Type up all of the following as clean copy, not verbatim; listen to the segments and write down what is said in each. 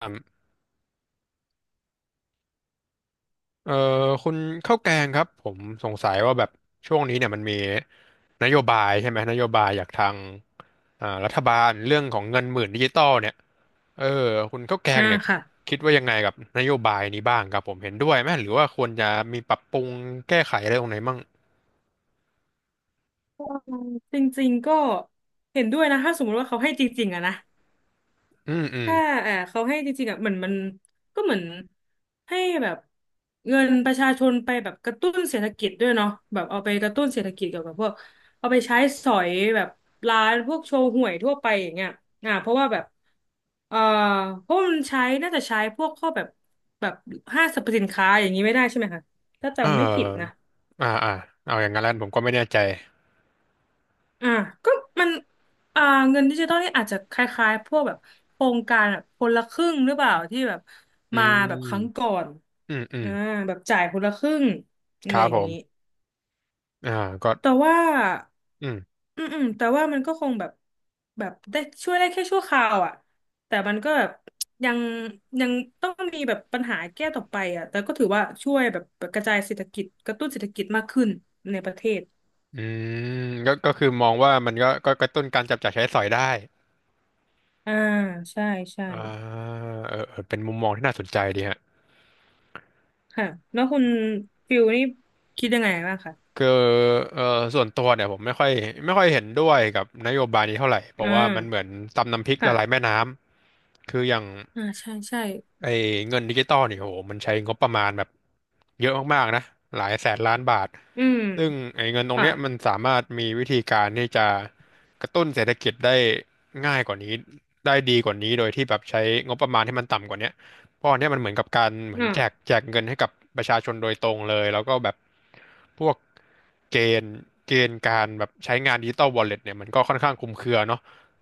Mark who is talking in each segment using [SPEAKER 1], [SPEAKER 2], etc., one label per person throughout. [SPEAKER 1] ครับเอ่อคุณข้าวแกงครับผมสงสัยว่าแบบช่วงนี้เนี่ยมันมีนโยบายใช่ไหมนโยบายจากทางรัฐบาลเรื่องของเงินหมื่นดิจิตอลเนี่ยเออคุณข้าวแกง
[SPEAKER 2] อ่า
[SPEAKER 1] เนี่ย
[SPEAKER 2] ค่ะ
[SPEAKER 1] คิดว่ายังไงกับนโยบายนี้บ้างครับผมเห็นด้วยไหมหรือว่าควรจะมีปรับปรุงแก้ไขอะไรตรงไหนมั่ง
[SPEAKER 2] จริงๆก็เห็นด้วยนะถ้าสมมติว่าเขาให้จริงๆอะนะ
[SPEAKER 1] อืมอืม
[SPEAKER 2] ถ้าเออเขาให้จริงๆอะเหมือนมันก็เหมือนให้แบบเงินประชาชนไปแบบกระตุ้นเศรษฐกิจด้วยเนาะแบบเอาไปกระตุ้นเศรษฐกิจเกี่ยวกับพวกเอาไปใช้สอยแบบร้านพวกโชว์ห่วยทั่วไปอย่างเงี้ยอ่าเพราะว่าแบบเออเพราะมันใช้น่าจะใช้พวกข้อแบบแบบห้างสรรพสินค้าอย่างนี้ไม่ได้ใช่ไหมคะถ้า
[SPEAKER 1] เอ
[SPEAKER 2] จำไม่ผิดนะ
[SPEAKER 1] ออ่าอ่าเอาอย่างนั้นแล้วผมก็ไม่แน่ใจ
[SPEAKER 2] อ่าก็มันอ่าเงินดิจิตอลนี่อาจจะคล้ายๆพวกแบบโครงการแบบคนละครึ่งหรือเปล่าที่แบบ
[SPEAKER 1] อื
[SPEAKER 2] มาแบบครั้งก่
[SPEAKER 1] ม
[SPEAKER 2] อน
[SPEAKER 1] อืมอืม
[SPEAKER 2] อ่าแบบจ่ายคนละครึ่งอะ
[SPEAKER 1] ค
[SPEAKER 2] ไร
[SPEAKER 1] รั
[SPEAKER 2] อ
[SPEAKER 1] บ
[SPEAKER 2] ย่า
[SPEAKER 1] ผ
[SPEAKER 2] งนี้
[SPEAKER 1] มอ่าก็
[SPEAKER 2] แต่ว่าอืมอืมแต่ว่ามันก็คงแบบแบบได้ช่วยได้แค่ชั่วคราวอ่ะแต่มันก็แบบยังยังต้องมีแบบปัญหาแก้ต่อไปอ่ะแต่ก็ถือว่าช่วยแบบกระจายเศรษฐกิจกระตุ้นเศรษฐกิจมากขึ้นในประเทศ
[SPEAKER 1] อืมก็คือมองว่ามันก็กระตุ้นการจับจ่ายใช้สอยได้
[SPEAKER 2] อ่าใช่ใช่
[SPEAKER 1] อ่าเออเออเป็นมุมมองที่น่าสนใจดีฮะ
[SPEAKER 2] ค่ะแล้วคุณฟิลนี่คิดยังไงบ้างคะ
[SPEAKER 1] คือเออส่วนตัวเนี่ยผมไม่ค่อยเห็นด้วยกับนโยบายนี้เท่าไหร่เพ
[SPEAKER 2] อ่
[SPEAKER 1] ราะว่ามันเหมือน
[SPEAKER 2] า
[SPEAKER 1] ตำน้ำพริกละลายแม่
[SPEAKER 2] ค่ะ
[SPEAKER 1] น้ำคืออย่าง
[SPEAKER 2] อ่าใช่ใช่
[SPEAKER 1] ไอ้เงินดิจิตอลเนี่ยโหมันใช้งบประมาณแบบเยอะมากๆนะหลายแสนล้านบาท
[SPEAKER 2] อืม
[SPEAKER 1] ซึ่งไอ้เงินตรง
[SPEAKER 2] ค่ะ
[SPEAKER 1] เนี้ยมันสามารถมีวิธีการที่จะกระตุ้นเศรษฐกิจได้ง่ายกว่านี้ได้ดีกว่านี้โดยที่แบบใช้งบประมาณที่มันต่ำกว่าเนี้ยเพราะอันเนี้ยมันเหมือนกับการเหมือนแจก
[SPEAKER 2] อ่า
[SPEAKER 1] แจกเงินให้กับประชาชนโดยตรงเลยแล้วก็แบบพวกเกณฑ์เกณฑ์การแบบใช้งานดิจิตอลวอลเล็ตเนี่ยมันก็ค่อนข้างคลุมเครือเนาะ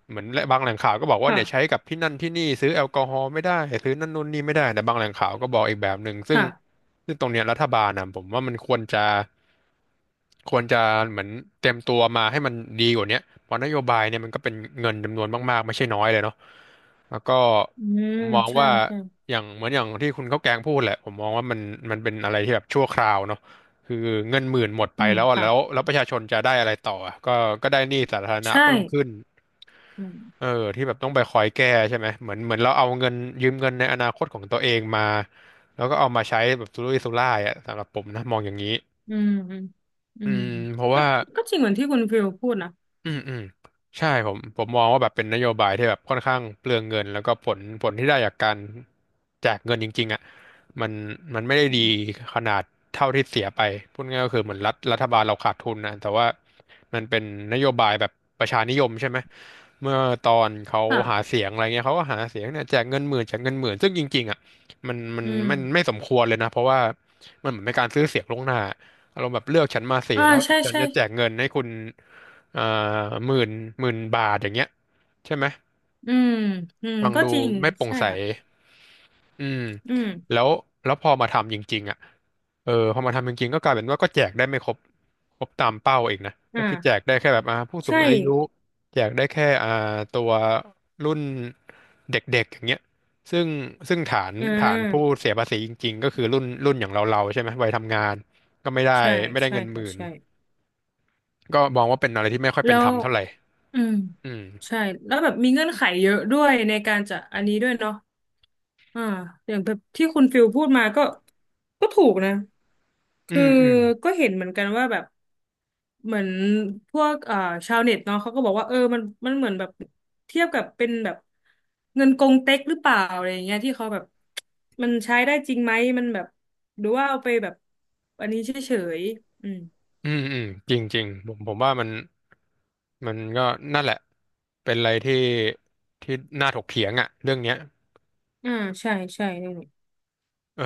[SPEAKER 1] เหมือนและบางแหล่งข่าวก็บอกว่า
[SPEAKER 2] ค่ะ
[SPEAKER 1] เนี่ยใช้กับที่นั่นที่นี่ซื้อแอลกอฮอล์ไม่ได้ ซื้อนั่นนู่นนี่ไม่ได้ แต่บางแหล่งข่าวก็บอกอีกแบบหนึ่งซึ่ง
[SPEAKER 2] ค่ะ
[SPEAKER 1] ซึ่งตรงเนี้ยรัฐบาลนะผมว่ามันควรจะ ควรจะเหมือนเตรียมตัวมาให้มันดีกว่าเนี้ยเพราะนโยบายเนี่ยมันก็เป็นเงินจำนวนมากๆไม่ใช่น้อยเลยเนาะแล้วก็
[SPEAKER 2] อืม
[SPEAKER 1] ผมมอง
[SPEAKER 2] ใช่
[SPEAKER 1] ว่า
[SPEAKER 2] ใช่
[SPEAKER 1] อย่างเหมือนอย่างที่คุณข้าวแกงพูดแหละผมมองว่ามันเป็นอะไรที่แบบชั่วคราวเนาะคือเงินหมื่นหมดไป
[SPEAKER 2] อืม
[SPEAKER 1] แล้วอะแล้ว
[SPEAKER 2] ค่ะ
[SPEAKER 1] แล้วประชาชนจะได้อะไรต่ออะก็ได้หนี้สาธารณะ
[SPEAKER 2] ใช่
[SPEAKER 1] เพิ่มขึ้น
[SPEAKER 2] อื
[SPEAKER 1] เออ
[SPEAKER 2] ม
[SPEAKER 1] ที่แบบต้องไปคอยแก้ใช่ไหมเหมือนเราเอาเงินยืมเงินในอนาคตของตัวเองมาแล้วก็เอามาใช้แบบสุรุ่ยสุร่ายอ่ะสำหรับผมนะมองอย่างนี้
[SPEAKER 2] อืมอืมอื
[SPEAKER 1] อื
[SPEAKER 2] ม
[SPEAKER 1] มเพราะ
[SPEAKER 2] ก็
[SPEAKER 1] ว่า
[SPEAKER 2] ก็จริงเหมือนที่คุณฟิลพูดนะ
[SPEAKER 1] อืมอืมใช่ผมมองว่าแบบเป็นนโยบายที่แบบค่อนข้างเปลืองเงินแล้วก็ผลที่ได้จากการแจกเงินจริงๆอ่ะมันมันไม่ได้ดี
[SPEAKER 2] อืม
[SPEAKER 1] ขนาดเท่าที่เสียไปพูดง่ายก็คือเหมือนรัฐบาลเราขาดทุนนะแต่ว่ามันเป็นนโยบายแบบประชานิยมใช่ไหมเมื่อตอนเขาหาเสี
[SPEAKER 2] ค่ะ
[SPEAKER 1] ยงอะไรเงี้ยเขาก็หาเสียงเนี่ยแจกเงินหมื่นแจกเงินหมื่นซึ่งจริงๆอ่ะมันมัน
[SPEAKER 2] อืม
[SPEAKER 1] มันไม่สมควรเลยนะเพราะว่ามันเหมือนเป็นการซื้อเสียงล่วงหน้า อารมณ์แบบเลือกฉันมาสิ
[SPEAKER 2] อ่า
[SPEAKER 1] แล้ว
[SPEAKER 2] ใช่
[SPEAKER 1] ฉัน
[SPEAKER 2] ใช่
[SPEAKER 1] จะแจกเงินให้คุณเอ่อหมื่นหมื่นบาทอย่างเงี้ยใช่ไหม
[SPEAKER 2] อืมอืม
[SPEAKER 1] ฟัง
[SPEAKER 2] ก็
[SPEAKER 1] ดู
[SPEAKER 2] จริง
[SPEAKER 1] ไม่โปร่ง
[SPEAKER 2] ใช่
[SPEAKER 1] ใส
[SPEAKER 2] ค่ะ
[SPEAKER 1] อืม
[SPEAKER 2] อืม
[SPEAKER 1] แล้วแล้วพอมาทำจริงๆอ่ะเออพอมาทำจริงๆก็กลายเป็นว่าก็แจกได้ไม่ครบตามเป้าเองนะก็คือแจก
[SPEAKER 2] อ่า
[SPEAKER 1] ได้แค่แบบผู้สู
[SPEAKER 2] ใช่
[SPEAKER 1] งอายุแจกได้แค่ตัวรุ่นเด็กๆอย่างเงี้ยซึ่งซึ่งฐาน
[SPEAKER 2] อ่
[SPEAKER 1] ฐานผู้
[SPEAKER 2] า
[SPEAKER 1] เสียภาษีจริงๆก็คือรุ่นอย่างเราๆใช่ไหมวัยทำงานก็ไม่ได้
[SPEAKER 2] ใช่
[SPEAKER 1] ไม่ได้
[SPEAKER 2] ใช่
[SPEAKER 1] เงินห
[SPEAKER 2] ค่ะ
[SPEAKER 1] มื่น
[SPEAKER 2] ใช่
[SPEAKER 1] ก็มองว่าเป็นอะไรที่ไม่ค่อยเป็
[SPEAKER 2] แล้
[SPEAKER 1] นธร
[SPEAKER 2] ว
[SPEAKER 1] รมเท่าไหร่
[SPEAKER 2] อืม
[SPEAKER 1] อืม
[SPEAKER 2] ใช่แล้วแบบมีเงื่อนไขเยอะด้วยในการจะอันนี้ด้วยเนาะอ่าอย่างแบบที่คุณฟิลพูดมาก็ก็ถูกนะ
[SPEAKER 1] อื
[SPEAKER 2] คือ
[SPEAKER 1] มอืม
[SPEAKER 2] ก็เห็นเหมือนกันว่าแบบเหมือนพวกชาวเน็ตเนาะเขาก็บอกว่าเออมันมันเหมือนแบบเทียบกับเป็นแบบเงินกงเต็กหรือเปล่าอะไรอย่างเงี้ยที่เขาแบบมันใช้ได้จริงไหมมันแบบหรือว่าเอาไปแบบอันนี้เฉยๆอืม
[SPEAKER 1] อืมอืมจริงจริงผมว่ามันก็นั่นแหละเป็นอะไรที่ที่น่าถกเถียงอ่ะเรื่องเนี้ย
[SPEAKER 2] อ่าใช่ใช่นี่นแหละ
[SPEAKER 1] เออ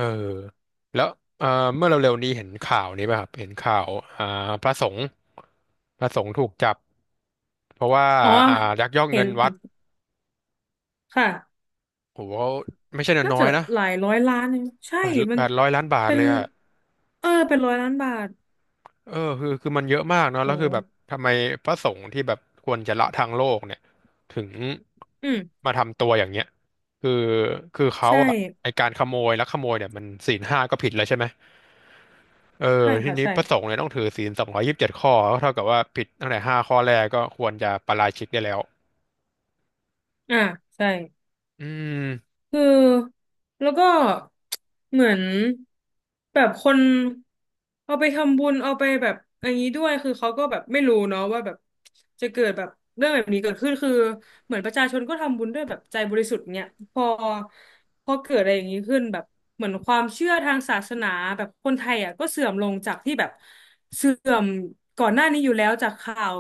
[SPEAKER 1] แล้วเออเมื่อเร็วๆนี้เห็นข่าวนี้ป่ะครับเห็นข่าวอ่าพระสงฆ์พระสงฆ์ถูกจับเพราะว่า
[SPEAKER 2] อ๋อ
[SPEAKER 1] อ่ายักยอก
[SPEAKER 2] เห็
[SPEAKER 1] เงิ
[SPEAKER 2] น
[SPEAKER 1] นวั
[SPEAKER 2] เห็
[SPEAKER 1] ด
[SPEAKER 2] นค่ะ
[SPEAKER 1] โหไม่ใช่
[SPEAKER 2] น่า
[SPEAKER 1] น้อ
[SPEAKER 2] จะ
[SPEAKER 1] ยๆนะ
[SPEAKER 2] หลายร้อยล้านเองใช่
[SPEAKER 1] แปด
[SPEAKER 2] มั
[SPEAKER 1] แป
[SPEAKER 2] น
[SPEAKER 1] ดร้อยล้านบาท
[SPEAKER 2] เป็น
[SPEAKER 1] เลยอ่ะ
[SPEAKER 2] เออเป็นร้อยล้านบาท
[SPEAKER 1] คือมันเยอะมากเนาะแล้วคือแบบ
[SPEAKER 2] โห
[SPEAKER 1] ทำไมพระสงฆ์ที่แบบควรจะละทางโลกเนี่ยถึง
[SPEAKER 2] อืม
[SPEAKER 1] มาทำตัวอย่างเงี้ยคือคือเขา
[SPEAKER 2] ใช่
[SPEAKER 1] อะไอการขโมยลักขโมยเนี่ยมันศีลห้าก็ผิดแล้วใช่ไหมเออ
[SPEAKER 2] ใช่
[SPEAKER 1] ที
[SPEAKER 2] ค่ะ
[SPEAKER 1] นี้
[SPEAKER 2] ใช่
[SPEAKER 1] พระสงฆ์เนี่ยต้องถือศีล227 ข้อก็เท่ากับว่าผิดตั้งแต่ห้าข้อแรกก็ควรจะปาราชิกได้แล้ว
[SPEAKER 2] อ่าใช่
[SPEAKER 1] อืม
[SPEAKER 2] คือแล้วก็เหมือนแบบคนเอาไปทำบุญเอาไปแบบอย่างนี้ด้วยคือเขาก็แบบไม่รู้เนาะว่าแบบจะเกิดแบบเรื่องแบบนี้เกิดขึ้นคือเหมือนประชาชนก็ทำบุญด้วยแบบใจบริสุทธิ์เนี่ยพอพอเกิดอะไรอย่างนี้ขึ้นแบบเหมือนความเชื่อทางศาสนาแบบคนไทยอ่ะก็เสื่อมลงจากที่แบบเสื่อมก่อนหน้านี้อยู่แล้วจากข่าว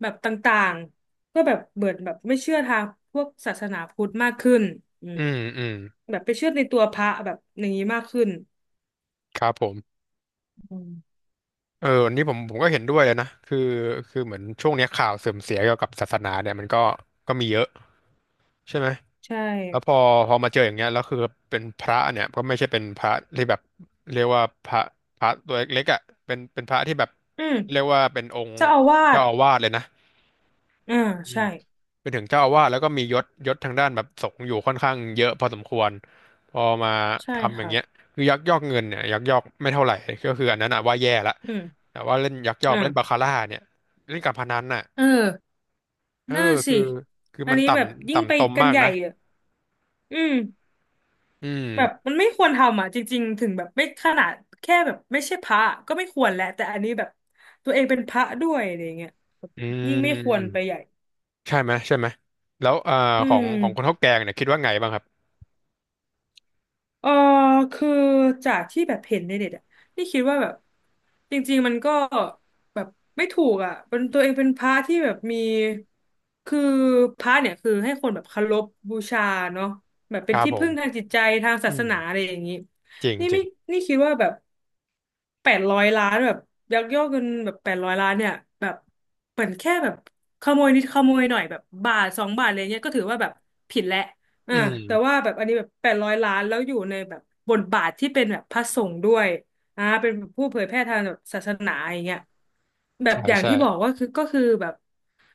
[SPEAKER 2] แบบต่างๆ ก็แบบเบิดแบบไม่เชื่อทางพวกศาสนาพุทธมากขึ้นอืม
[SPEAKER 1] อืมอืม
[SPEAKER 2] แบบไปเชื่อในตัวพระแบบอย่างนี้มากขึ้น
[SPEAKER 1] ครับผม
[SPEAKER 2] อืม
[SPEAKER 1] เออวันนี้ผมก็เห็นด้วยนะคือเหมือนช่วงเนี้ยข่าวเสื่อมเสียเกี่ยวกับศาสนาเนี่ยมันก็มีเยอะใช่ไหม
[SPEAKER 2] ใช่
[SPEAKER 1] แล้วพอมาเจออย่างเงี้ยแล้วคือเป็นพระเนี่ยก็ไม่ใช่เป็นพระที่แบบเรียกว่าพระตัวเล็กๆอ่ะเป็นพระที่แบบ
[SPEAKER 2] อื
[SPEAKER 1] เรีย
[SPEAKER 2] ม
[SPEAKER 1] กว่าเป็นองค์
[SPEAKER 2] เจ้าอาวา
[SPEAKER 1] เจ้า
[SPEAKER 2] ส
[SPEAKER 1] อาวาสเลยนะ
[SPEAKER 2] อ่าใช่
[SPEAKER 1] เป็นถึงเจ้าอาวาสแล้วก็มียศทางด้านแบบสงฆ์อยู่ค่อนข้างเยอะพอสมควรพอมา
[SPEAKER 2] ใช่
[SPEAKER 1] ทำอย่าง
[SPEAKER 2] ค่ะ
[SPEAKER 1] เงี้ยคือยักยอกเงินเนี่ยยักยอกไม่เท่าไหร่ก็คืออันนั้นอะว่าแย่ละ
[SPEAKER 2] อืม
[SPEAKER 1] แต่ว่าเล่นยักยอกเล่นบา
[SPEAKER 2] อ่า
[SPEAKER 1] คาร่าเนี่ยเล่นการพนันน่ะ
[SPEAKER 2] เออ
[SPEAKER 1] เออ
[SPEAKER 2] นั่นสิ
[SPEAKER 1] คือคือ
[SPEAKER 2] อัน
[SPEAKER 1] มัน
[SPEAKER 2] นี้
[SPEAKER 1] ต่
[SPEAKER 2] แบบ
[SPEAKER 1] ำ
[SPEAKER 2] ยิ่งไป
[SPEAKER 1] ต่ำตม
[SPEAKER 2] กัน
[SPEAKER 1] มาก
[SPEAKER 2] ใหญ่
[SPEAKER 1] นะ
[SPEAKER 2] อ่ะอืม
[SPEAKER 1] อืม
[SPEAKER 2] แบบมันไม่ควรทำอ่ะจริงๆถึงแบบไม่ขนาดแค่แบบไม่ใช่พระก็ไม่ควรแหละแต่อันนี้แบบตัวเองเป็นพระด้วยอะไรเงี้ยแบบ
[SPEAKER 1] อืม
[SPEAKER 2] ยิ่งไม่
[SPEAKER 1] อืม
[SPEAKER 2] ควร
[SPEAKER 1] อืม
[SPEAKER 2] ไปใหญ่
[SPEAKER 1] ใช่ไหมใช่ไหมแล้ว
[SPEAKER 2] อื
[SPEAKER 1] ของของคนเท้า
[SPEAKER 2] ม
[SPEAKER 1] แกงเนี่ยคิดว่าไงบ้างครับ
[SPEAKER 2] เออคือจากที่แบบเห็นในเน็ตอ่ะนี่คิดว่าแบบจริงๆมันก็แบบไม่ถูกอ่ะเป็นตัวเองเป็นพระที่แบบมีคือพระเนี่ยคือให้คนแบบเคารพบูชาเนาะแบบ
[SPEAKER 1] ค
[SPEAKER 2] เป็น
[SPEAKER 1] รับ
[SPEAKER 2] ที่
[SPEAKER 1] ผ
[SPEAKER 2] พึ่
[SPEAKER 1] ม
[SPEAKER 2] งทางจิตใจทางศา
[SPEAKER 1] อื
[SPEAKER 2] ส
[SPEAKER 1] ม
[SPEAKER 2] นาอะไรอย่างนี้
[SPEAKER 1] จริง
[SPEAKER 2] นี่
[SPEAKER 1] จริ
[SPEAKER 2] ไม่
[SPEAKER 1] ง
[SPEAKER 2] นี่คิดว่าแบบแปดร้อยล้านแบบยักยอกเงินแบบแปดร้อยล้านเนี่ยแบบเหมือนแค่แบบขโมยนิดขโมยหน่อยแบบบาทสองบาทอะไรเงี้ยก็ถือว่าแบบผิดแล้ว อ่า
[SPEAKER 1] อื
[SPEAKER 2] แต่
[SPEAKER 1] ม
[SPEAKER 2] ว่าแบบอันนี้แบบแปดร้อยล้านแล้วอยู่ในแบบบทบาทที่เป็นแบบพระสงฆ์ด้วยอ่าเป็นแบบผู้เผยแพร่ทางแบบศาสนาอย่างเงี้ยแบบ
[SPEAKER 1] ใช่
[SPEAKER 2] อย่าง
[SPEAKER 1] ใช่
[SPEAKER 2] ที่บอกว่าคือก็คือแบบ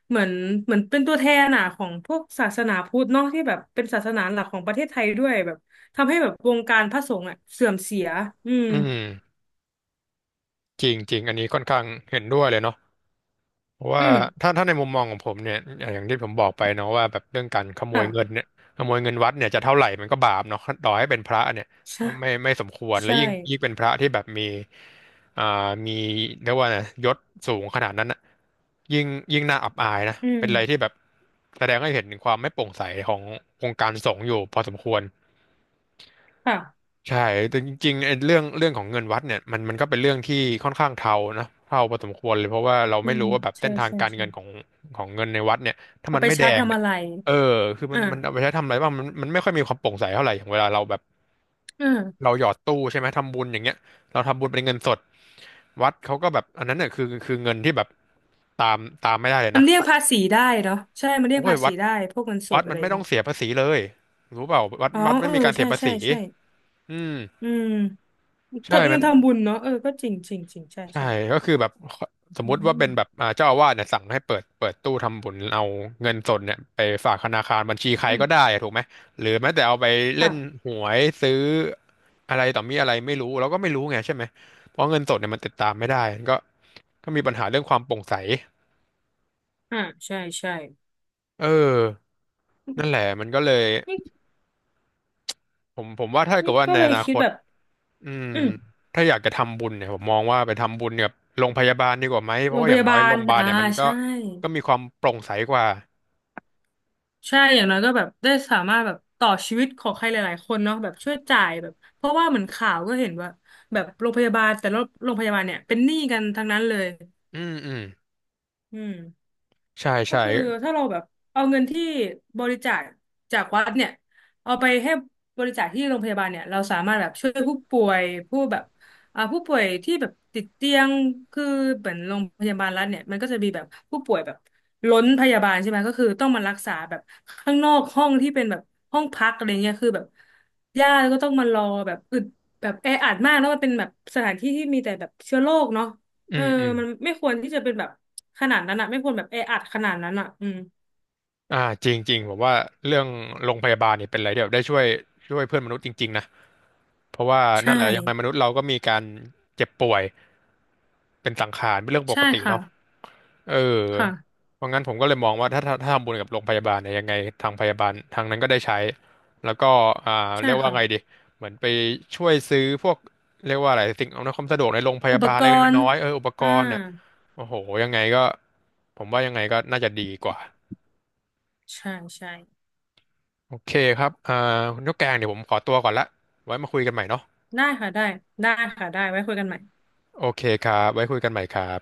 [SPEAKER 2] เหมือนเหมือนเป็นตัวแทนอ่ะของพวกศาสนาพุทธเนอะที่แบบเป็นศาสนาหลักของประเทศไทยด้วยแบบทำให้แบบวงการพระสงฆ์อ่ะเสื่อมเสียอืม
[SPEAKER 1] อืมจริงจริงอันนี้ค่อนข้างเห็นด้วยเลยเนาะ เพราะ
[SPEAKER 2] อื
[SPEAKER 1] ว่า
[SPEAKER 2] ม
[SPEAKER 1] ถ้าในมุมมองของผมเนี่ยอย่างที่ผมบอกไปเนาะว่าแบบเรื่องการขโม
[SPEAKER 2] ค่ะ
[SPEAKER 1] ยเงินเนี่ยขโมยเงินวัดเนี่ยจะเท่าไหร่มันก็บาปเนาะต่อให้เป็นพระเนี่ย
[SPEAKER 2] ใช่
[SPEAKER 1] ก็ไม่สมควรและ
[SPEAKER 2] ใช่
[SPEAKER 1] ยิ่งเป็นพระที่แบบมีอ่ามีเรียกว่าไงยศสูงขนาดนั้นอะยิ่งยิ่งน่าอับอายนะ
[SPEAKER 2] อืม
[SPEAKER 1] เป็นอะไรที่แบบแสดงให้เห็นถึงความไม่โปร่งใสขององค์การสงฆ์อยู่พอสมควร
[SPEAKER 2] ค่ะ
[SPEAKER 1] ใช่แต่จริงๆไอ้เรื่องของเงินวัดเนี่ยมันก็เป็นเรื่องที่ค่อนข้างเทานะเทาพอสมควรเลยเพราะว่าเรา
[SPEAKER 2] อื
[SPEAKER 1] ไม่
[SPEAKER 2] ม
[SPEAKER 1] รู้ว่าแบบเส้
[SPEAKER 2] ใช่
[SPEAKER 1] นทาง
[SPEAKER 2] ใช่
[SPEAKER 1] การ
[SPEAKER 2] ใช่
[SPEAKER 1] เงินของของเงินในวัดเนี่ยถ้า
[SPEAKER 2] เอา
[SPEAKER 1] มัน
[SPEAKER 2] ไป
[SPEAKER 1] ไม่แด
[SPEAKER 2] ใช้
[SPEAKER 1] ง
[SPEAKER 2] ทำ
[SPEAKER 1] เนี่ย
[SPEAKER 2] อะไร
[SPEAKER 1] เออคือมันเอาไป
[SPEAKER 2] อ่า
[SPEAKER 1] ใช้ทำอะไรบ้างมันไม่ค่อยมีความโปร่งใสเท่าไหร่อย่างเวลาเราแบบ
[SPEAKER 2] อืม
[SPEAKER 1] เราหยอดตู้ใช่ไหมทำบุญอย่างเงี้ยเราทำบุญเป็นเงินสดวัดเขาก็แบบอันนั้นเนี่ยคือเงินที่แบบตามไม่ได้เลย
[SPEAKER 2] มัน
[SPEAKER 1] นะ
[SPEAKER 2] เรียกภาษีได้เนาะใช่มันเรี
[SPEAKER 1] โอ้
[SPEAKER 2] ยก
[SPEAKER 1] ย
[SPEAKER 2] ภา
[SPEAKER 1] วั
[SPEAKER 2] ษี
[SPEAKER 1] ด
[SPEAKER 2] ได้พวกเงินส
[SPEAKER 1] วั
[SPEAKER 2] ด
[SPEAKER 1] ด
[SPEAKER 2] อะ
[SPEAKER 1] มั
[SPEAKER 2] ไร
[SPEAKER 1] น
[SPEAKER 2] อ
[SPEAKER 1] ไม่
[SPEAKER 2] ย่าง
[SPEAKER 1] ต้อ
[SPEAKER 2] เงี้
[SPEAKER 1] ง
[SPEAKER 2] ย
[SPEAKER 1] เสียภาษีเลยรู้เปล่าวัด
[SPEAKER 2] อ๋อ
[SPEAKER 1] วัดไม่
[SPEAKER 2] เออ
[SPEAKER 1] มีการเสี
[SPEAKER 2] ใช่
[SPEAKER 1] ยภา
[SPEAKER 2] ใช่
[SPEAKER 1] ษี
[SPEAKER 2] ใช่
[SPEAKER 1] อืม
[SPEAKER 2] อืม
[SPEAKER 1] ใช่
[SPEAKER 2] ทำเงิ
[SPEAKER 1] มั
[SPEAKER 2] น
[SPEAKER 1] น
[SPEAKER 2] ทำบุญเนาะเออก็จริงจริงจริงใช่
[SPEAKER 1] ใช่
[SPEAKER 2] ใช่
[SPEAKER 1] ก็คือแบบสม
[SPEAKER 2] อื
[SPEAKER 1] มุติว่า
[SPEAKER 2] ม
[SPEAKER 1] เป็นแบบอ่าเจ้าอาวาสเนี่ยสั่งให้เปิดตู้ทำบุญเอาเงินสดเนี่ยไปฝากธนาคารบัญชีใคร
[SPEAKER 2] อื
[SPEAKER 1] ก็ได้
[SPEAKER 2] ม
[SPEAKER 1] อะถูกไหมหรือแม้แต่เอาไปเล่น
[SPEAKER 2] ค่ะ
[SPEAKER 1] หวยซื้ออะไรต่อมีอะไรไม่รู้เราก็ไม่รู้ไงใช่ไหมเพราะเงินสดเนี่ยมันติดตามไม่ได้ก็ก็มีปัญหาเรื่องความโปร่งใส
[SPEAKER 2] อ่าใช่ใช่
[SPEAKER 1] เออนั่นแหละมันก็เลย
[SPEAKER 2] นี่
[SPEAKER 1] ผมว่าถ้าเกิ
[SPEAKER 2] นี่
[SPEAKER 1] ดว่า
[SPEAKER 2] ก็
[SPEAKER 1] ใน
[SPEAKER 2] เล
[SPEAKER 1] อ
[SPEAKER 2] ย
[SPEAKER 1] นา
[SPEAKER 2] คิ
[SPEAKER 1] ค
[SPEAKER 2] ด
[SPEAKER 1] ต
[SPEAKER 2] แบบ
[SPEAKER 1] อืม
[SPEAKER 2] อืม
[SPEAKER 1] ถ้าอยากจะทำบุญเนี่ยผมมองว่าไปทำบุญกับโรงพยาบาลดีกว่าไหมเพ
[SPEAKER 2] โร
[SPEAKER 1] ราะ
[SPEAKER 2] ง
[SPEAKER 1] ว่า
[SPEAKER 2] พ
[SPEAKER 1] อย่าง
[SPEAKER 2] ยา
[SPEAKER 1] น้อ
[SPEAKER 2] บา
[SPEAKER 1] ยโร
[SPEAKER 2] ล
[SPEAKER 1] งพยาบาล
[SPEAKER 2] อ่า
[SPEAKER 1] เนี่ยมันก็
[SPEAKER 2] ใช่
[SPEAKER 1] ก็มีความโปร่งใสกว่า
[SPEAKER 2] ใช่อย่างน้อยก็แบบได้สามารถแบบต่อชีวิตของใครหลายๆคนเนาะแบบช่วยจ่ายแบบเพราะว่าเหมือนข่าวก็เห็นว่าแบบโรงพยาบาลแต่ละโรงพยาบาลเนี่ยเป็นหนี้กันทั้งนั้นเลย
[SPEAKER 1] อืมอืม
[SPEAKER 2] อืม
[SPEAKER 1] ใช่
[SPEAKER 2] ก็
[SPEAKER 1] ใช่
[SPEAKER 2] คือถ้าเราแบบเอาเงินที่บริจาคจากวัดเนี่ยเอาไปให้บริจาคที่โรงพยาบาลเนี่ยเราสามารถแบบช่วยผู้ป่วยผู้แบบอ่าผู้ป่วยที่แบบติดเตียงคือเหมือนโรงพยาบาลรัฐเนี่ยมันก็จะมีแบบผู้ป่วยแบบล้นพยาบาลใช่ไหมก็คือต้องมารักษาแบบข้างนอกห้องที่เป็นแบบห้องพักอะไรเงี้ยคือแบบญาติก็ต้องมารอแบบอึดแบบแออัดมากแล้วมันเป็นแบบสถานที่ที่มีแต่แบบเชื้อโรคเนาะ
[SPEAKER 1] อื
[SPEAKER 2] เออ
[SPEAKER 1] มอืม
[SPEAKER 2] มันไม่ควรที่จะเป็นแบบขนาดนั้นอ่ะไม่ควรแบบแออัดขนาดนั้นอ่ะอืม
[SPEAKER 1] อ่าจริงจริงผมว่าเรื่องโรงพยาบาลเนี่ยเป็นอะไรที่แบบได้ช่วยเพื่อนมนุษย์จริงๆนะเพราะว่า
[SPEAKER 2] ใช่
[SPEAKER 1] นั่นแหละยังไงมนุษย์เราก็มีการเจ็บป่วยเป็นสังขารเป็นเรื่องป
[SPEAKER 2] ใช่
[SPEAKER 1] กติ
[SPEAKER 2] ค่ะ
[SPEAKER 1] เนาะเออ
[SPEAKER 2] ค่ะ
[SPEAKER 1] เพราะงั้นผมก็เลยมองว่าถ้าทำบุญกับโรงพยาบาลเนี่ยยังไงทางพยาบาลทางนั้นก็ได้ใช้แล้วก็อ่า
[SPEAKER 2] ใช่
[SPEAKER 1] เรียกว่า
[SPEAKER 2] ค่ะ
[SPEAKER 1] ไงดีเหมือนไปช่วยซื้อพวกเรียกว่าอะไรสิ่งอำนวยความสะดวกในโรงพ
[SPEAKER 2] อุ
[SPEAKER 1] ยา
[SPEAKER 2] ป
[SPEAKER 1] บาล
[SPEAKER 2] ก
[SPEAKER 1] เล็ก
[SPEAKER 2] ร
[SPEAKER 1] ๆ
[SPEAKER 2] ณ์
[SPEAKER 1] น้อยๆเอออุปก
[SPEAKER 2] อ่า
[SPEAKER 1] รณ์เนี่ย โอ้โหยังไงก็ผมว่ายังไงก็น่าจะดีกว่า
[SPEAKER 2] ใช่ใช่
[SPEAKER 1] โอเคครับอ่าคุณนกแกงเดี๋ยวผมขอตัวก่อนละไว้มาคุยกันใหม่เนาะ
[SPEAKER 2] ได้ค่ะได้ได้ค่ะได้ไว้คุยกันใหม่
[SPEAKER 1] โอเคครับไว้คุยกันใหม่ครับ